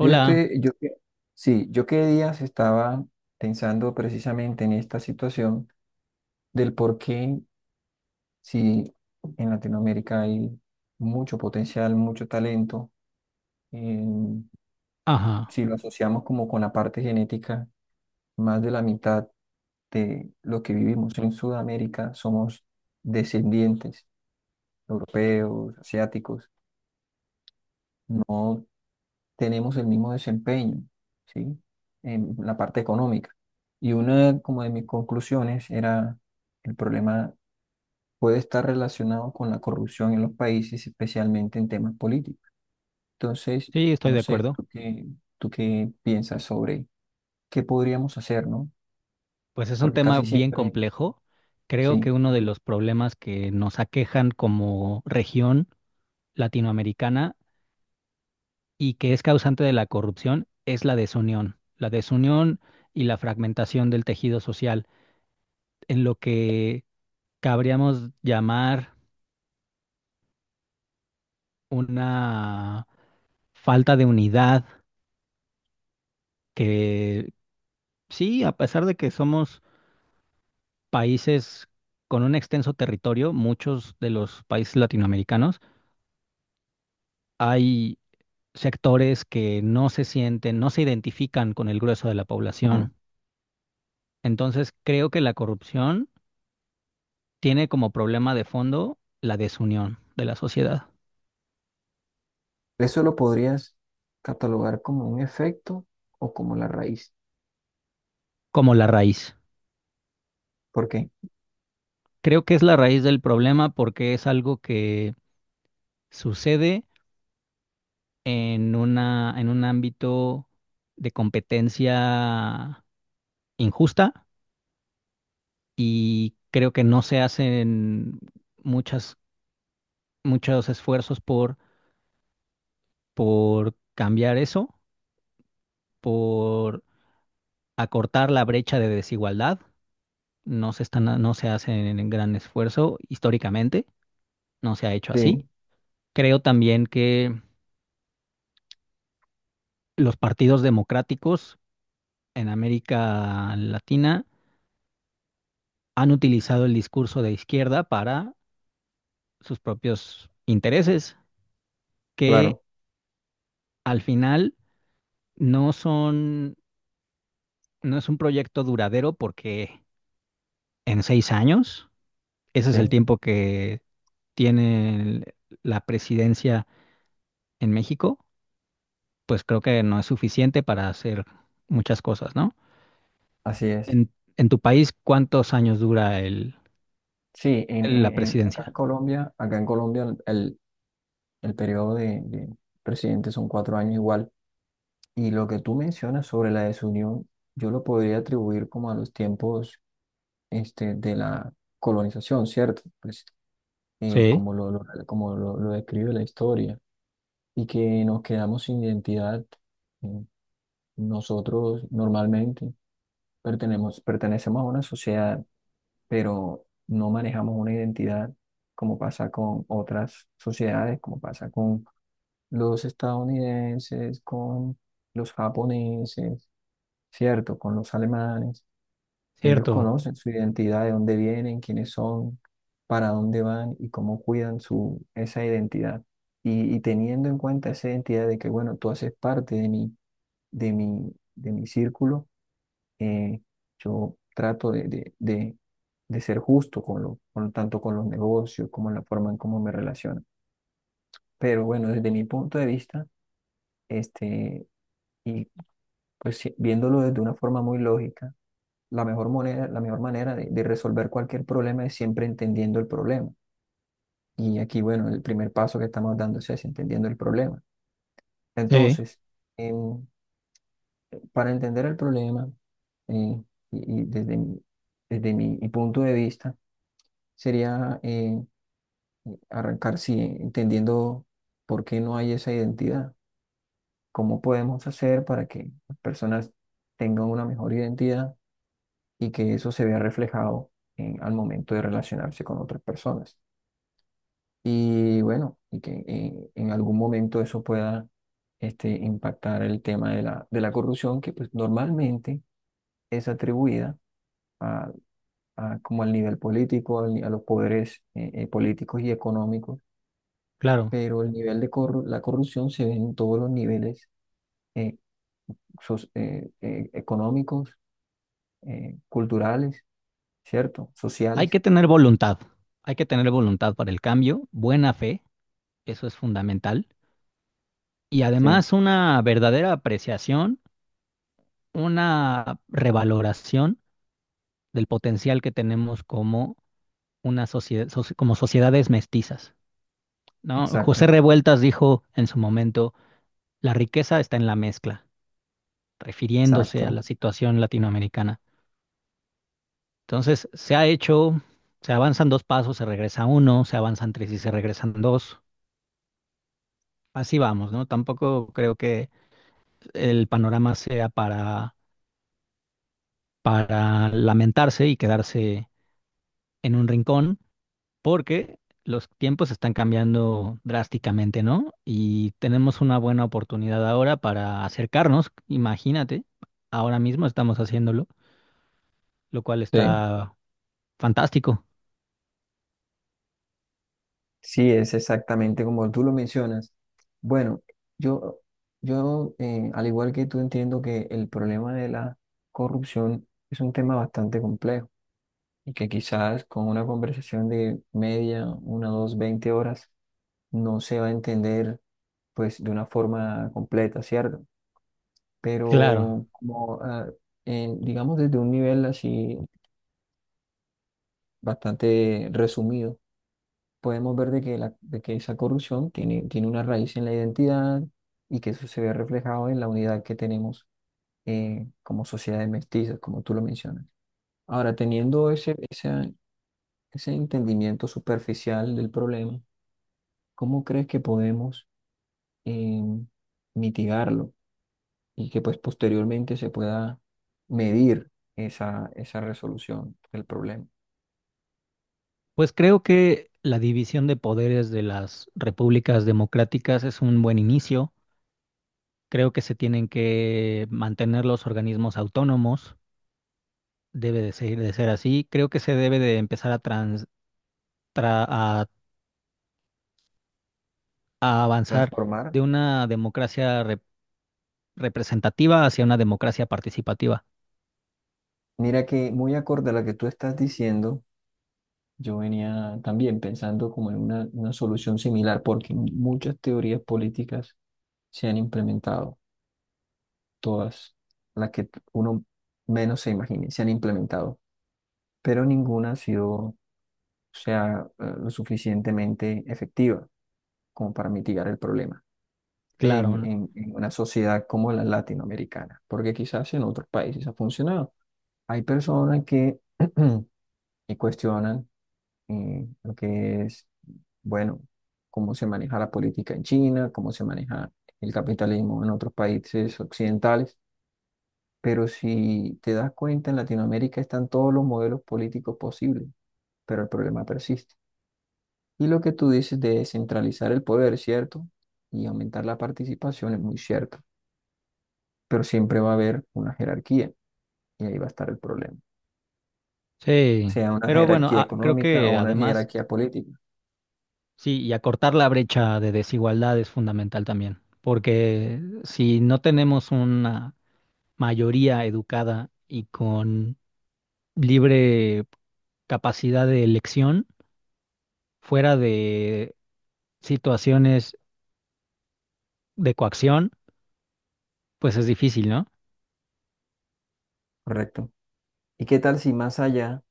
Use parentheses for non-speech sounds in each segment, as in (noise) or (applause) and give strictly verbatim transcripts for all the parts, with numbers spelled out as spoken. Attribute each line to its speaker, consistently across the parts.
Speaker 1: Yo estoy, yo, que- sí, yo qué días estaba pensando precisamente en esta situación del por qué si en Latinoamérica hay mucho potencial, mucho talento, em,
Speaker 2: ajá,
Speaker 1: si lo asociamos como con la parte genética, más de la mitad de lo que vivimos en Sudamérica somos descendientes europeos, asiáticos. No tenemos el mismo desempeño, ¿sí? En la parte económica. Y una como de mis conclusiones era el problema puede estar relacionado con la corrupción en los países, especialmente en temas políticos. Entonces,
Speaker 2: sí, estoy
Speaker 1: no
Speaker 2: de
Speaker 1: sé,
Speaker 2: acuerdo.
Speaker 1: ¿tú qué, tú qué piensas sobre qué podríamos hacer, ¿no?
Speaker 2: Pues es un
Speaker 1: Porque
Speaker 2: tema
Speaker 1: casi
Speaker 2: bien
Speaker 1: siempre,
Speaker 2: complejo. Creo
Speaker 1: sí.
Speaker 2: que uno de los problemas que nos aquejan como región latinoamericana y que es causante de la corrupción es la desunión, la desunión y la fragmentación del tejido social, en lo que cabríamos llamar una falta de unidad que sí, a pesar de que somos países con un extenso territorio, muchos de los países latinoamericanos, hay sectores que no se sienten, no se identifican con el grueso de la
Speaker 1: Ujú.
Speaker 2: población. Entonces, creo que la corrupción tiene como problema de fondo la desunión de la sociedad,
Speaker 1: Eso lo podrías catalogar como un efecto o como la raíz.
Speaker 2: como la raíz.
Speaker 1: ¿Por qué?
Speaker 2: Creo que es la raíz del problema porque es algo que sucede en una, en un ámbito de competencia injusta y creo que no se hacen muchas, muchos esfuerzos por, por cambiar eso, por acortar la brecha de desigualdad. No se están, no se hacen en gran esfuerzo históricamente, no se ha hecho
Speaker 1: Sí,
Speaker 2: así. Creo también que los partidos democráticos en América Latina han utilizado el discurso de izquierda para sus propios intereses, que
Speaker 1: claro,
Speaker 2: al final no son no es un proyecto duradero porque en seis años, ese es el
Speaker 1: sí,
Speaker 2: tiempo que tiene la presidencia en México, pues creo que no es suficiente para hacer muchas cosas, ¿no?
Speaker 1: así es.
Speaker 2: En, en tu país, ¿cuántos años dura el,
Speaker 1: Sí, en,
Speaker 2: el- la
Speaker 1: en- en- acá en
Speaker 2: presidencia?
Speaker 1: Colombia, acá en Colombia el, el- el periodo de, de presidente son cuatro años igual. Y lo que tú mencionas sobre la desunión, yo lo podría atribuir como a los tiempos este, de la colonización, ¿cierto? Pues, eh,
Speaker 2: Sí,
Speaker 1: como lo, lo- como lo, lo describe la historia. Y que nos quedamos sin identidad. eh, Nosotros normalmente pertenemos, pertenecemos a una sociedad pero no manejamos una identidad como pasa con otras sociedades, como pasa con los estadounidenses, con los japoneses, ¿cierto? Con los alemanes. Ellos
Speaker 2: cierto.
Speaker 1: conocen su identidad, de dónde vienen, quiénes son, para dónde van y cómo cuidan su, esa identidad. Y, y teniendo en cuenta esa identidad de que, bueno, tú haces parte de mi, de mi, de mi círculo, eh, yo trato de, de, de- de ser justo con lo, con, tanto con los negocios como la forma en cómo me relaciono. Pero bueno, desde mi punto de vista, este, y pues si- viéndolo desde una forma muy lógica, la mejor moneda, la mejor manera de, de resolver cualquier problema es siempre entendiendo el problema. Y aquí, bueno, el primer paso que estamos dando es ese, entendiendo el problema.
Speaker 2: Sí,
Speaker 1: Entonces, em, para entender el problema, eh, y, y desde mi- desde mi mi punto de vista, sería eh, arrancar, sí, entendiendo por qué no hay esa identidad, cómo podemos hacer para que las personas tengan una mejor identidad y que eso se vea reflejado en- al momento de relacionarse con otras personas. Y bueno, y que en, en algún momento eso pueda este, impactar el tema de la, de la corrupción, que pues normalmente es atribuida a, a como al nivel político, al ni- a los poderes eh, eh, políticos y económicos,
Speaker 2: claro.
Speaker 1: pero el nivel de corru- la corrupción se ve en todos los niveles, eh, soc- eh, eh, económicos, eh, culturales, ¿cierto?
Speaker 2: Hay
Speaker 1: Sociales.
Speaker 2: que tener voluntad. Hay que tener voluntad para el cambio, buena fe, eso es fundamental. Y
Speaker 1: Sí,
Speaker 2: además una verdadera apreciación, una revaloración del potencial que tenemos como una sociedad, soci- como sociedades mestizas, ¿no? José
Speaker 1: exacto,
Speaker 2: Revueltas dijo en su momento, la riqueza está en la mezcla, refiriéndose a
Speaker 1: exacto.
Speaker 2: la situación latinoamericana. Entonces, se ha hecho, se avanzan dos pasos, se regresa uno, se avanzan tres y se regresan dos. Así vamos, ¿no? Tampoco creo que el panorama sea para, para lamentarse y quedarse en un rincón porque los tiempos están cambiando drásticamente, ¿no? Y tenemos una buena oportunidad ahora para acercarnos, imagínate, ahora mismo estamos haciéndolo, lo cual
Speaker 1: Sí,
Speaker 2: está fantástico.
Speaker 1: sí, es exactamente como tú lo mencionas. Bueno, yo, yo eh, al igual que tú entiendo que el problema de la corrupción es un tema bastante complejo y que quizás con una conversación de media, una, dos, veinte horas, no se va a entender pues de una forma completa, ¿cierto?
Speaker 2: Claro,
Speaker 1: Pero como ah, en- digamos desde un nivel así bastante resumido, podemos ver de que, la, de que esa corrupción tiene, tiene una raíz en la identidad y que eso se ve reflejado en la unidad que tenemos, eh, como sociedades mestizas, como tú lo mencionas. Ahora, teniendo ese, esa- ese entendimiento superficial del problema, ¿cómo crees que podemos em, mitigarlo? Y que pues posteriormente se pueda medir esa, esa resolución del problema.
Speaker 2: pues creo que la división de poderes de las repúblicas democráticas es un buen inicio. Creo que se tienen que mantener los organismos autónomos, debe de ser, de ser así. Creo que se debe de empezar a, trans- tra- a a avanzar
Speaker 1: Transformar.
Speaker 2: de una democracia representativa hacia una democracia participativa.
Speaker 1: Mira que muy acorde a lo que tú estás diciendo, yo venía también pensando como en una, una solución similar, porque muchas teorías políticas se han implementado, todas las que uno menos se imagine, se han implementado, pero ninguna ha sido, o sea, eh, lo suficientemente efectiva como para mitigar el problema.
Speaker 2: Claro,
Speaker 1: En,
Speaker 2: ¿no?
Speaker 1: en- en una sociedad como la latinoamericana, porque quizás en otros países ha funcionado. Hay personas que (clears throat) y cuestionan eh, lo que es, bueno, cómo se maneja la política en China, cómo se maneja el capitalismo en otros países occidentales, pero si te das cuenta, en Latinoamérica están todos los modelos políticos posibles, pero el problema persiste. Y lo que tú dices de centralizar el poder, ¿cierto? Y aumentar la participación es muy cierto. Pero siempre va a haber una jerarquía y ahí va a estar el problema,
Speaker 2: Sí,
Speaker 1: sea una
Speaker 2: pero bueno,
Speaker 1: jerarquía
Speaker 2: ah, creo
Speaker 1: económica o
Speaker 2: que
Speaker 1: una
Speaker 2: además,
Speaker 1: jerarquía política,
Speaker 2: sí, y acortar la brecha de desigualdad es fundamental también, porque si no tenemos una mayoría educada y con libre capacidad de elección fuera de situaciones de coacción, pues es difícil, ¿no?
Speaker 1: ¿correcto? ¿Y qué tal si más allá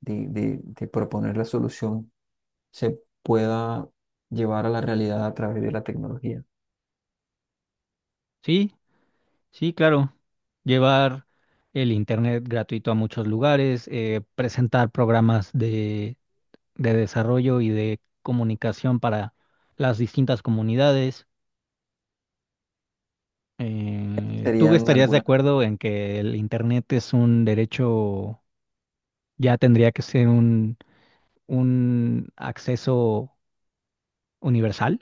Speaker 1: de, de- de proponer la solución se pueda llevar a la realidad a través de la tecnología?
Speaker 2: Sí, sí, claro. Llevar el internet gratuito a muchos lugares, eh, presentar programas de, de desarrollo y de comunicación para las distintas comunidades. Eh, ¿tú
Speaker 1: Serían
Speaker 2: estarías de
Speaker 1: algunas
Speaker 2: acuerdo en que el internet es un derecho, ya tendría que ser un, un acceso universal?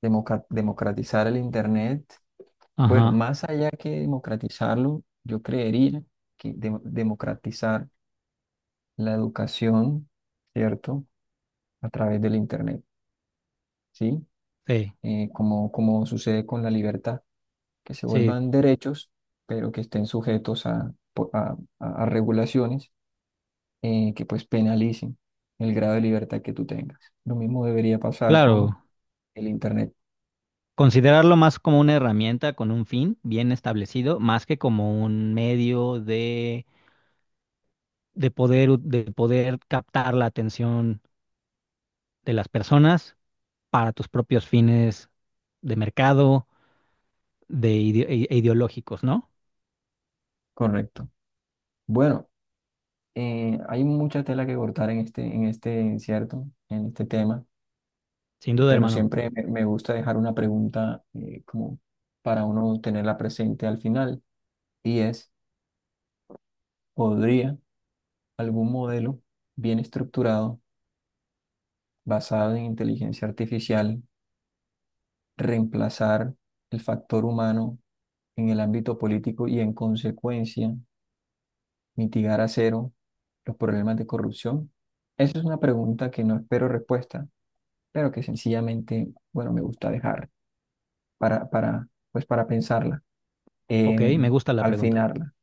Speaker 1: democa- democratizar el Internet. Bueno,
Speaker 2: Ajá,
Speaker 1: más allá que democratizarlo, yo creería que de- democratizar la educación, ¿cierto? A través del Internet, ¿sí?
Speaker 2: sí,
Speaker 1: Eh, como, como sucede con la libertad, que se
Speaker 2: sí,
Speaker 1: vuelvan derechos, pero que estén sujetos a, po- a- a- a regulaciones, eh, que pues penalicen el grado de libertad que tú tengas. Lo mismo debería pasar con
Speaker 2: claro.
Speaker 1: el Internet,
Speaker 2: Considerarlo más como una herramienta con un fin bien establecido, más que como un medio de, de poder, u- de poder captar la atención de las personas para tus propios fines de mercado de ide- e e ideológicos, ¿no?
Speaker 1: correcto. Bueno, eh, hay mucha tela que cortar en este, en este, ¿cierto? En este tema,
Speaker 2: Sin duda,
Speaker 1: pero
Speaker 2: hermano.
Speaker 1: siempre me, me gusta dejar una pregunta, eh, como para uno tenerla presente al final, y es, ¿podría algún modelo bien estructurado basado en inteligencia artificial, reemplazar el factor humano en el ámbito político y en consecuencia mitigar a cero los problemas de corrupción? Esa es una pregunta que no espero respuesta, pero que sencillamente, bueno, me gusta dejar para, para, pues para pensarla,
Speaker 2: Ok, me
Speaker 1: em,
Speaker 2: gusta la
Speaker 1: al
Speaker 2: pregunta.
Speaker 1: finarla.